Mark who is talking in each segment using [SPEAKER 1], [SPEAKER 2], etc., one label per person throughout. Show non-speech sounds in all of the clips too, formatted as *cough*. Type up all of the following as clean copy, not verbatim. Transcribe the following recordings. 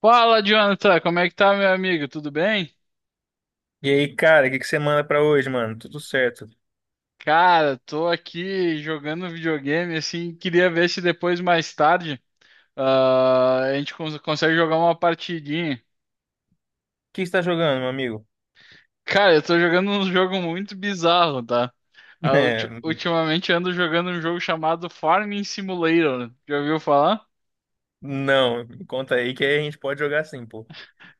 [SPEAKER 1] Fala, Jonathan, como é que tá, meu amigo? Tudo bem?
[SPEAKER 2] E aí, cara, o que que você manda pra hoje, mano? Tudo certo. O
[SPEAKER 1] Cara, tô aqui jogando videogame, assim, queria ver se depois, mais tarde, a gente consegue jogar uma partidinha.
[SPEAKER 2] que você tá jogando, meu amigo?
[SPEAKER 1] Cara, eu tô jogando um jogo muito bizarro, tá?
[SPEAKER 2] *laughs* É,
[SPEAKER 1] Ultimamente ando jogando um jogo chamado Farming Simulator, já ouviu falar?
[SPEAKER 2] não, me conta aí que aí a gente pode jogar sim, pô.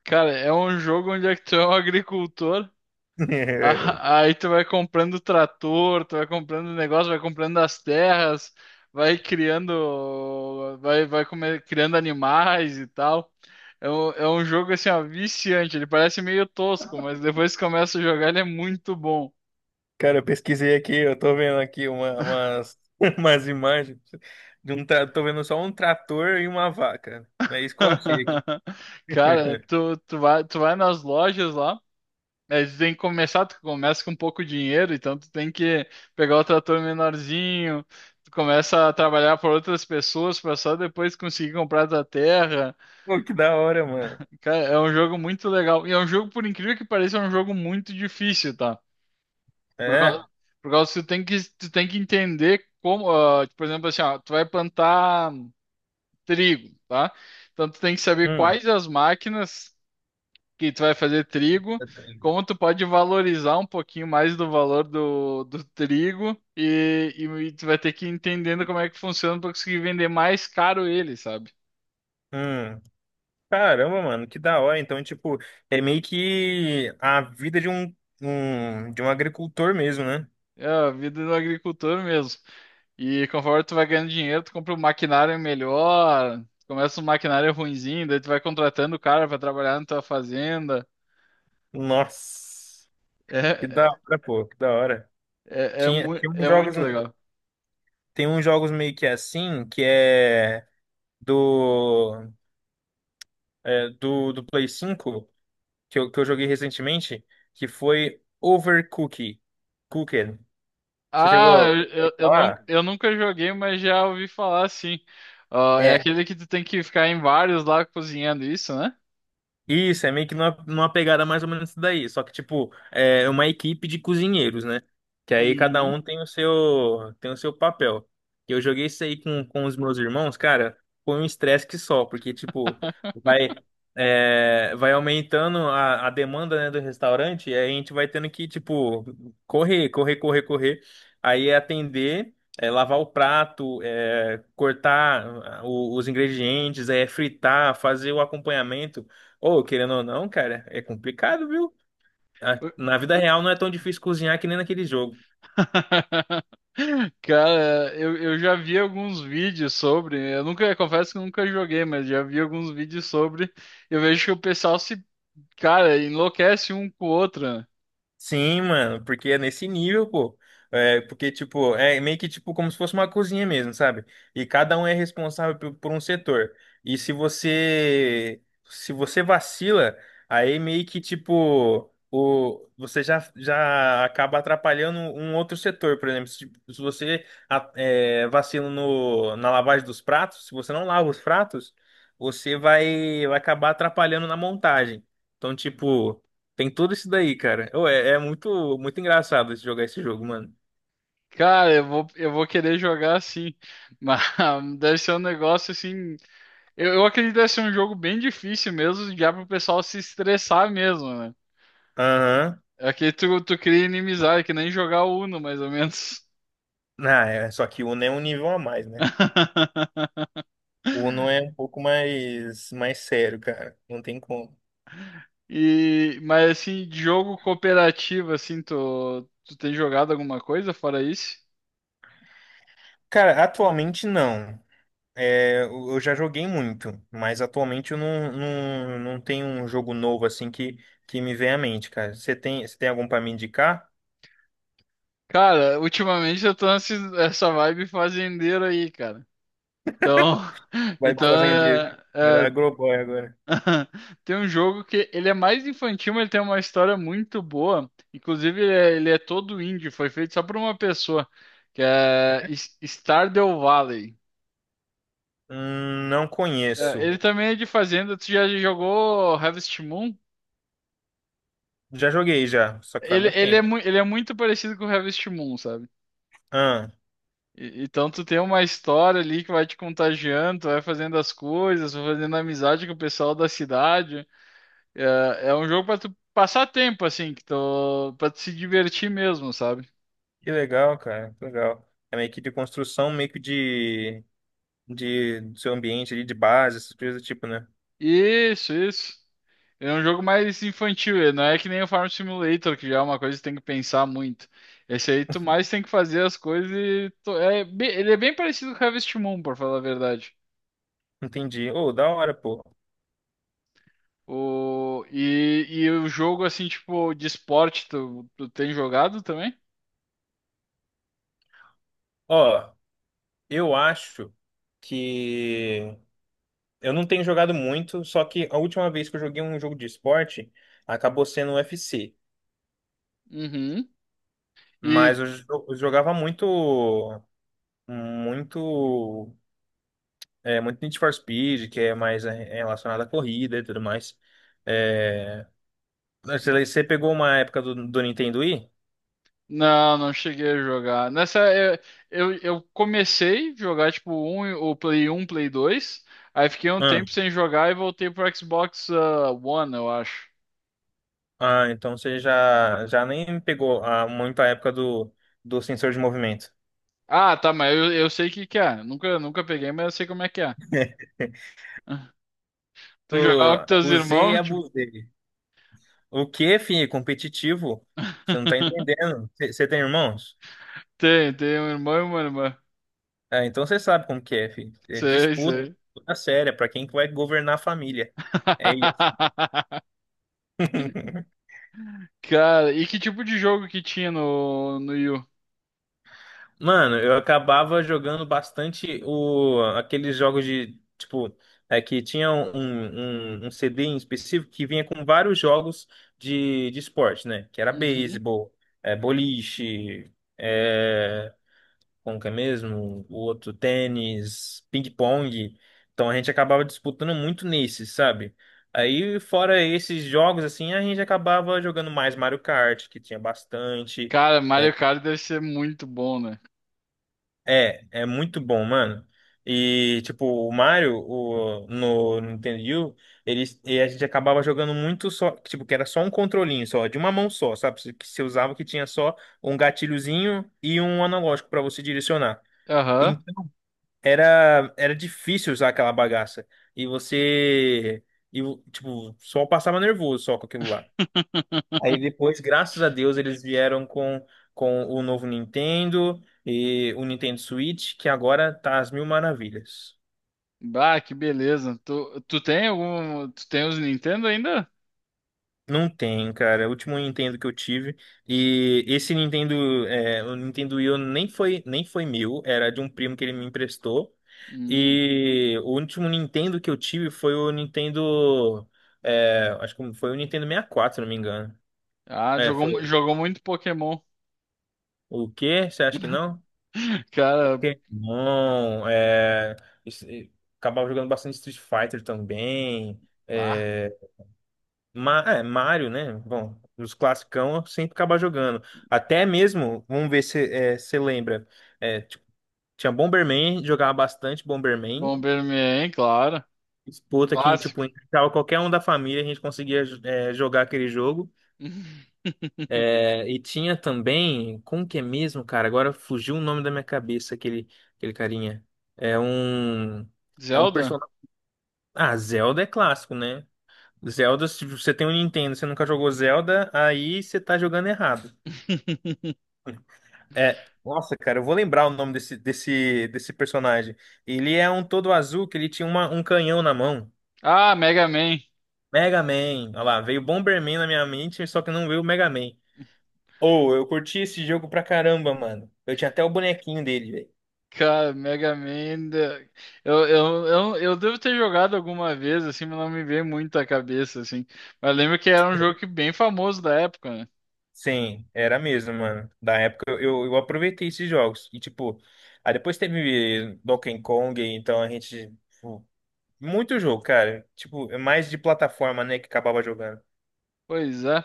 [SPEAKER 1] Cara, é um jogo onde é que tu é um agricultor.
[SPEAKER 2] *laughs*
[SPEAKER 1] Aí tu vai comprando trator, tu vai comprando negócio, vai comprando as terras, vai criando, criando animais e tal. É um jogo assim, ó, viciante. Ele parece meio tosco, mas depois que começa a jogar, ele é muito bom.
[SPEAKER 2] Cara, eu pesquisei aqui, eu tô vendo aqui *laughs* umas imagens tô vendo só um trator e uma vaca. É isso que eu achei aqui.
[SPEAKER 1] *laughs* Cara,
[SPEAKER 2] *laughs*
[SPEAKER 1] tu vai nas lojas lá. Mas tu tem que começar, tu começa com pouco dinheiro, então tu tem que pegar o trator menorzinho, tu começa a trabalhar por outras pessoas para só depois conseguir comprar a tua terra.
[SPEAKER 2] Pô, que da hora, mano.
[SPEAKER 1] Cara, é um jogo muito legal. E é um jogo, por incrível que pareça, é um jogo muito difícil, tá? Por causa,
[SPEAKER 2] É?
[SPEAKER 1] por causa que tu tem que entender como, por exemplo, assim, ó, tu vai plantar trigo, tá? Então tu tem que saber
[SPEAKER 2] Hum.
[SPEAKER 1] quais as máquinas que tu vai fazer trigo, como tu pode valorizar um pouquinho mais do valor do trigo e tu vai ter que ir entendendo como é que funciona para conseguir vender mais caro ele, sabe?
[SPEAKER 2] Hum. Caramba, mano, que da hora. Então, tipo, é meio que a vida de um agricultor mesmo, né?
[SPEAKER 1] É a vida do agricultor mesmo. E conforme tu vai ganhando dinheiro, tu compra um maquinário melhor, começa um maquinário ruinzinho, daí tu vai contratando o cara para trabalhar na tua fazenda.
[SPEAKER 2] Nossa, que da
[SPEAKER 1] É,
[SPEAKER 2] hora, pô, que da hora. Tinha, tinha uns
[SPEAKER 1] é
[SPEAKER 2] jogos,
[SPEAKER 1] muito legal.
[SPEAKER 2] tem uns jogos meio que assim, que é do, do Play 5 que eu joguei recentemente, que foi Overcooked. Cooked. Você chegou
[SPEAKER 1] Ah,
[SPEAKER 2] a
[SPEAKER 1] não,
[SPEAKER 2] falar?
[SPEAKER 1] eu nunca joguei, mas já ouvi falar assim. Ó, é
[SPEAKER 2] É.
[SPEAKER 1] aquele que tu tem que ficar em vários lá cozinhando isso, né?
[SPEAKER 2] Isso é meio que numa pegada mais ou menos isso daí. Só que, tipo, é uma equipe de cozinheiros, né? Que aí cada um
[SPEAKER 1] Uhum.
[SPEAKER 2] tem o seu papel. Eu joguei isso aí com os meus irmãos, cara, foi um estresse que só, porque, tipo, vai, vai aumentando a demanda, né, do restaurante, e aí a gente vai tendo que, tipo, correr, correr, correr, correr. Aí é atender, é lavar o prato, é cortar os ingredientes, é fritar, fazer o acompanhamento. Ou, querendo ou não, cara, é complicado, viu? Na vida real não é tão difícil cozinhar que nem naquele jogo.
[SPEAKER 1] *laughs* Cara, eu já vi alguns vídeos sobre. Eu nunca, confesso que eu nunca joguei, mas já vi alguns vídeos sobre. Eu vejo que o pessoal se, cara, enlouquece um com o outro, né?
[SPEAKER 2] Sim, mano, porque é nesse nível, pô. É, porque, tipo, é meio que tipo como se fosse uma cozinha mesmo, sabe? E cada um é responsável por um setor. E se você vacila, aí meio que tipo o você já acaba atrapalhando um outro setor, por exemplo, se, tipo, se você vacila no, na lavagem dos pratos, se você não lava os pratos, você vai acabar atrapalhando na montagem. Então, tipo tem tudo isso daí, cara. Ô, é muito, muito engraçado jogar esse jogo, mano.
[SPEAKER 1] Cara, eu vou querer jogar assim. Mas *laughs* deve ser um negócio assim. Eu acredito que deve ser um jogo bem difícil mesmo, já pro pessoal se estressar mesmo, né?
[SPEAKER 2] Aham.
[SPEAKER 1] Aqui tu cria inimizade, que nem jogar Uno, mais ou menos.
[SPEAKER 2] Ah, é, só que o Uno é um nível a mais, né?
[SPEAKER 1] *laughs*
[SPEAKER 2] O Uno é um pouco mais, mais sério, cara. Não tem como.
[SPEAKER 1] E, mas assim, de jogo cooperativo, assim, tu tem jogado alguma coisa fora isso?
[SPEAKER 2] Cara, atualmente não. É, eu já joguei muito, mas atualmente eu não, não, não tenho um jogo novo assim que me vem à mente, cara. Você tem algum pra me indicar?
[SPEAKER 1] Cara, ultimamente eu tô essa vibe fazendeiro aí, cara. Então, *laughs*
[SPEAKER 2] Vai pro
[SPEAKER 1] então
[SPEAKER 2] fazendeiro.
[SPEAKER 1] é,
[SPEAKER 2] Era
[SPEAKER 1] é,
[SPEAKER 2] Agroboy agora.
[SPEAKER 1] *laughs* tem um jogo que ele é mais infantil, mas ele tem uma história muito boa. Inclusive, ele é todo indie, foi feito só por uma pessoa, que é Stardew Valley.
[SPEAKER 2] Não
[SPEAKER 1] É,
[SPEAKER 2] conheço.
[SPEAKER 1] ele também é de fazenda. Tu já jogou Harvest Moon?
[SPEAKER 2] Já joguei já, só que faz muito tempo.
[SPEAKER 1] Ele é muito parecido com o Harvest Moon, sabe? Então tu tem uma história ali que vai te contagiando, tu vai fazendo as coisas, vai fazendo amizade com o pessoal da cidade. É, é um jogo pra tu passar tempo, assim, que tu, pra tu se divertir mesmo, sabe?
[SPEAKER 2] Que legal, cara, que legal. É meio que de construção, meio que de do seu ambiente ali, de base, essas coisas do tipo, né?
[SPEAKER 1] Isso, isso. É um jogo mais infantil, ele não é que nem o Farm Simulator, que já é uma coisa que tem que pensar muito. Esse aí tu mais tem que fazer as coisas e ele é bem parecido com o Harvest Moon, por falar a verdade.
[SPEAKER 2] Entendi. Ô, da hora, pô.
[SPEAKER 1] O, e o jogo assim, tipo, de esporte, tu tem jogado também?
[SPEAKER 2] Ó, eu acho que eu não tenho jogado muito, só que a última vez que eu joguei um jogo de esporte acabou sendo um UFC.
[SPEAKER 1] Uhum. E,
[SPEAKER 2] Mas eu jogava muito, muito Need for Speed, que é mais relacionado à corrida e tudo mais. É, você pegou uma época do Nintendo Wii?
[SPEAKER 1] não, não cheguei a jogar. Nessa, eu comecei a jogar o Play um, Play 2. Aí fiquei um
[SPEAKER 2] Ah,
[SPEAKER 1] tempo sem jogar e voltei pro Xbox One, eu acho.
[SPEAKER 2] ah, então você já nem pegou muito a época do sensor de movimento.
[SPEAKER 1] Ah, tá, mas eu sei o que que é. Nunca, nunca peguei, mas eu sei como é que é.
[SPEAKER 2] *laughs*
[SPEAKER 1] *laughs* Tu jogava com
[SPEAKER 2] Eu
[SPEAKER 1] teus
[SPEAKER 2] usei e
[SPEAKER 1] irmãos? Tipo...
[SPEAKER 2] abusei. O que, filho? Competitivo? Você não tá
[SPEAKER 1] *laughs*
[SPEAKER 2] entendendo. Você tem irmãos?
[SPEAKER 1] Tem, tem um irmão e uma irmã.
[SPEAKER 2] É, então você sabe como que é, filho. É
[SPEAKER 1] Sei,
[SPEAKER 2] disputa,
[SPEAKER 1] sei.
[SPEAKER 2] disputa séria pra quem que vai governar a família. É isso.
[SPEAKER 1] *laughs*
[SPEAKER 2] *laughs*
[SPEAKER 1] Cara, e que tipo de jogo que tinha no, no Wii U?
[SPEAKER 2] Mano, eu acabava jogando bastante aqueles jogos de, tipo, que tinha um CD em específico que vinha com vários jogos de esporte, né? Que era
[SPEAKER 1] Uhum.
[SPEAKER 2] beisebol, boliche, é, como que é mesmo? O outro, tênis, ping-pong. Então a gente acabava disputando muito nesses, sabe? Aí, fora esses jogos, assim, a gente acabava jogando mais Mario Kart, que tinha bastante.
[SPEAKER 1] Cara, Mario
[SPEAKER 2] é,
[SPEAKER 1] Kart deve ser muito bom, né?
[SPEAKER 2] É, é muito bom, mano. E, tipo, no Nintendo Wii, U, e a gente acabava jogando muito só, tipo, que era só um controlinho, só, de uma mão só, sabe? Que você usava que tinha só um gatilhozinho e um analógico pra você direcionar.
[SPEAKER 1] Aham.
[SPEAKER 2] Então, era difícil usar aquela bagaça. E você, tipo, só passava nervoso só com aquilo lá. Aí depois, graças a Deus, eles vieram com o novo Nintendo e o Nintendo Switch, que agora tá às mil maravilhas.
[SPEAKER 1] Bah, que beleza. Tu, tu tem algum. Tu tem os Nintendo ainda?
[SPEAKER 2] Não tem, cara. O último Nintendo que eu tive. E esse Nintendo, o Nintendo Wii U nem foi, meu, era de um primo que ele me emprestou.
[SPEAKER 1] Hum.
[SPEAKER 2] E o último Nintendo que eu tive foi o Nintendo. Acho que foi o Nintendo 64, se não me engano.
[SPEAKER 1] Ah,
[SPEAKER 2] É,
[SPEAKER 1] jogou,
[SPEAKER 2] foi.
[SPEAKER 1] jogou muito Pokémon.
[SPEAKER 2] O quê? Você acha que não?
[SPEAKER 1] *laughs* Cara,
[SPEAKER 2] Pokémon, isso- e- acabava jogando bastante Street Fighter também.
[SPEAKER 1] pá.
[SPEAKER 2] é, Mario, né? Bom, os classicão eu sempre acabava jogando. Até mesmo, vamos ver se você lembra, tipo, tinha Bomberman, jogava bastante Bomberman,
[SPEAKER 1] Bomberman, claro.
[SPEAKER 2] disputa que, tipo,
[SPEAKER 1] Clássico.
[SPEAKER 2] entrava qualquer um da família, a gente conseguia jogar aquele jogo.
[SPEAKER 1] *laughs*
[SPEAKER 2] É, e tinha também, como que é mesmo, cara? Agora fugiu o nome da minha cabeça, aquele carinha. É um... É um
[SPEAKER 1] Zelda?
[SPEAKER 2] personagem. Ah, Zelda é clássico, né? Zelda, se você tem um Nintendo, e você nunca jogou Zelda, aí você tá jogando errado.
[SPEAKER 1] *laughs*
[SPEAKER 2] É, nossa, cara, eu vou lembrar o nome desse personagem. Ele é um todo azul que ele tinha um canhão na mão.
[SPEAKER 1] Ah, Mega Man.
[SPEAKER 2] Mega Man. Olha lá, veio Bomberman na minha mente, só que não veio o Mega Man. Ou, eu curti esse jogo pra caramba, mano. Eu tinha até o bonequinho dele, velho.
[SPEAKER 1] Cara, Mega Man ainda- eu devo ter jogado alguma vez, assim, mas não me veio muito à cabeça, assim. Mas lembro que era um jogo que bem famoso da época, né?
[SPEAKER 2] Sim, era mesmo, mano. Da época eu aproveitei esses jogos. E tipo, aí depois teve Donkey Kong, então a gente, tipo, muito jogo, cara. Tipo, é mais de plataforma, né, que acabava jogando.
[SPEAKER 1] Pois é.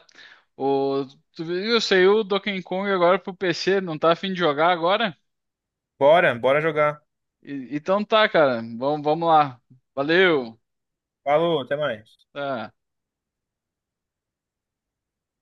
[SPEAKER 1] O, tu viu, saiu o Donkey Kong agora pro PC, não tá afim de jogar agora?
[SPEAKER 2] Bora, bora jogar.
[SPEAKER 1] Então tá, cara. Vamos lá. Valeu.
[SPEAKER 2] Falou, até mais.
[SPEAKER 1] Tá.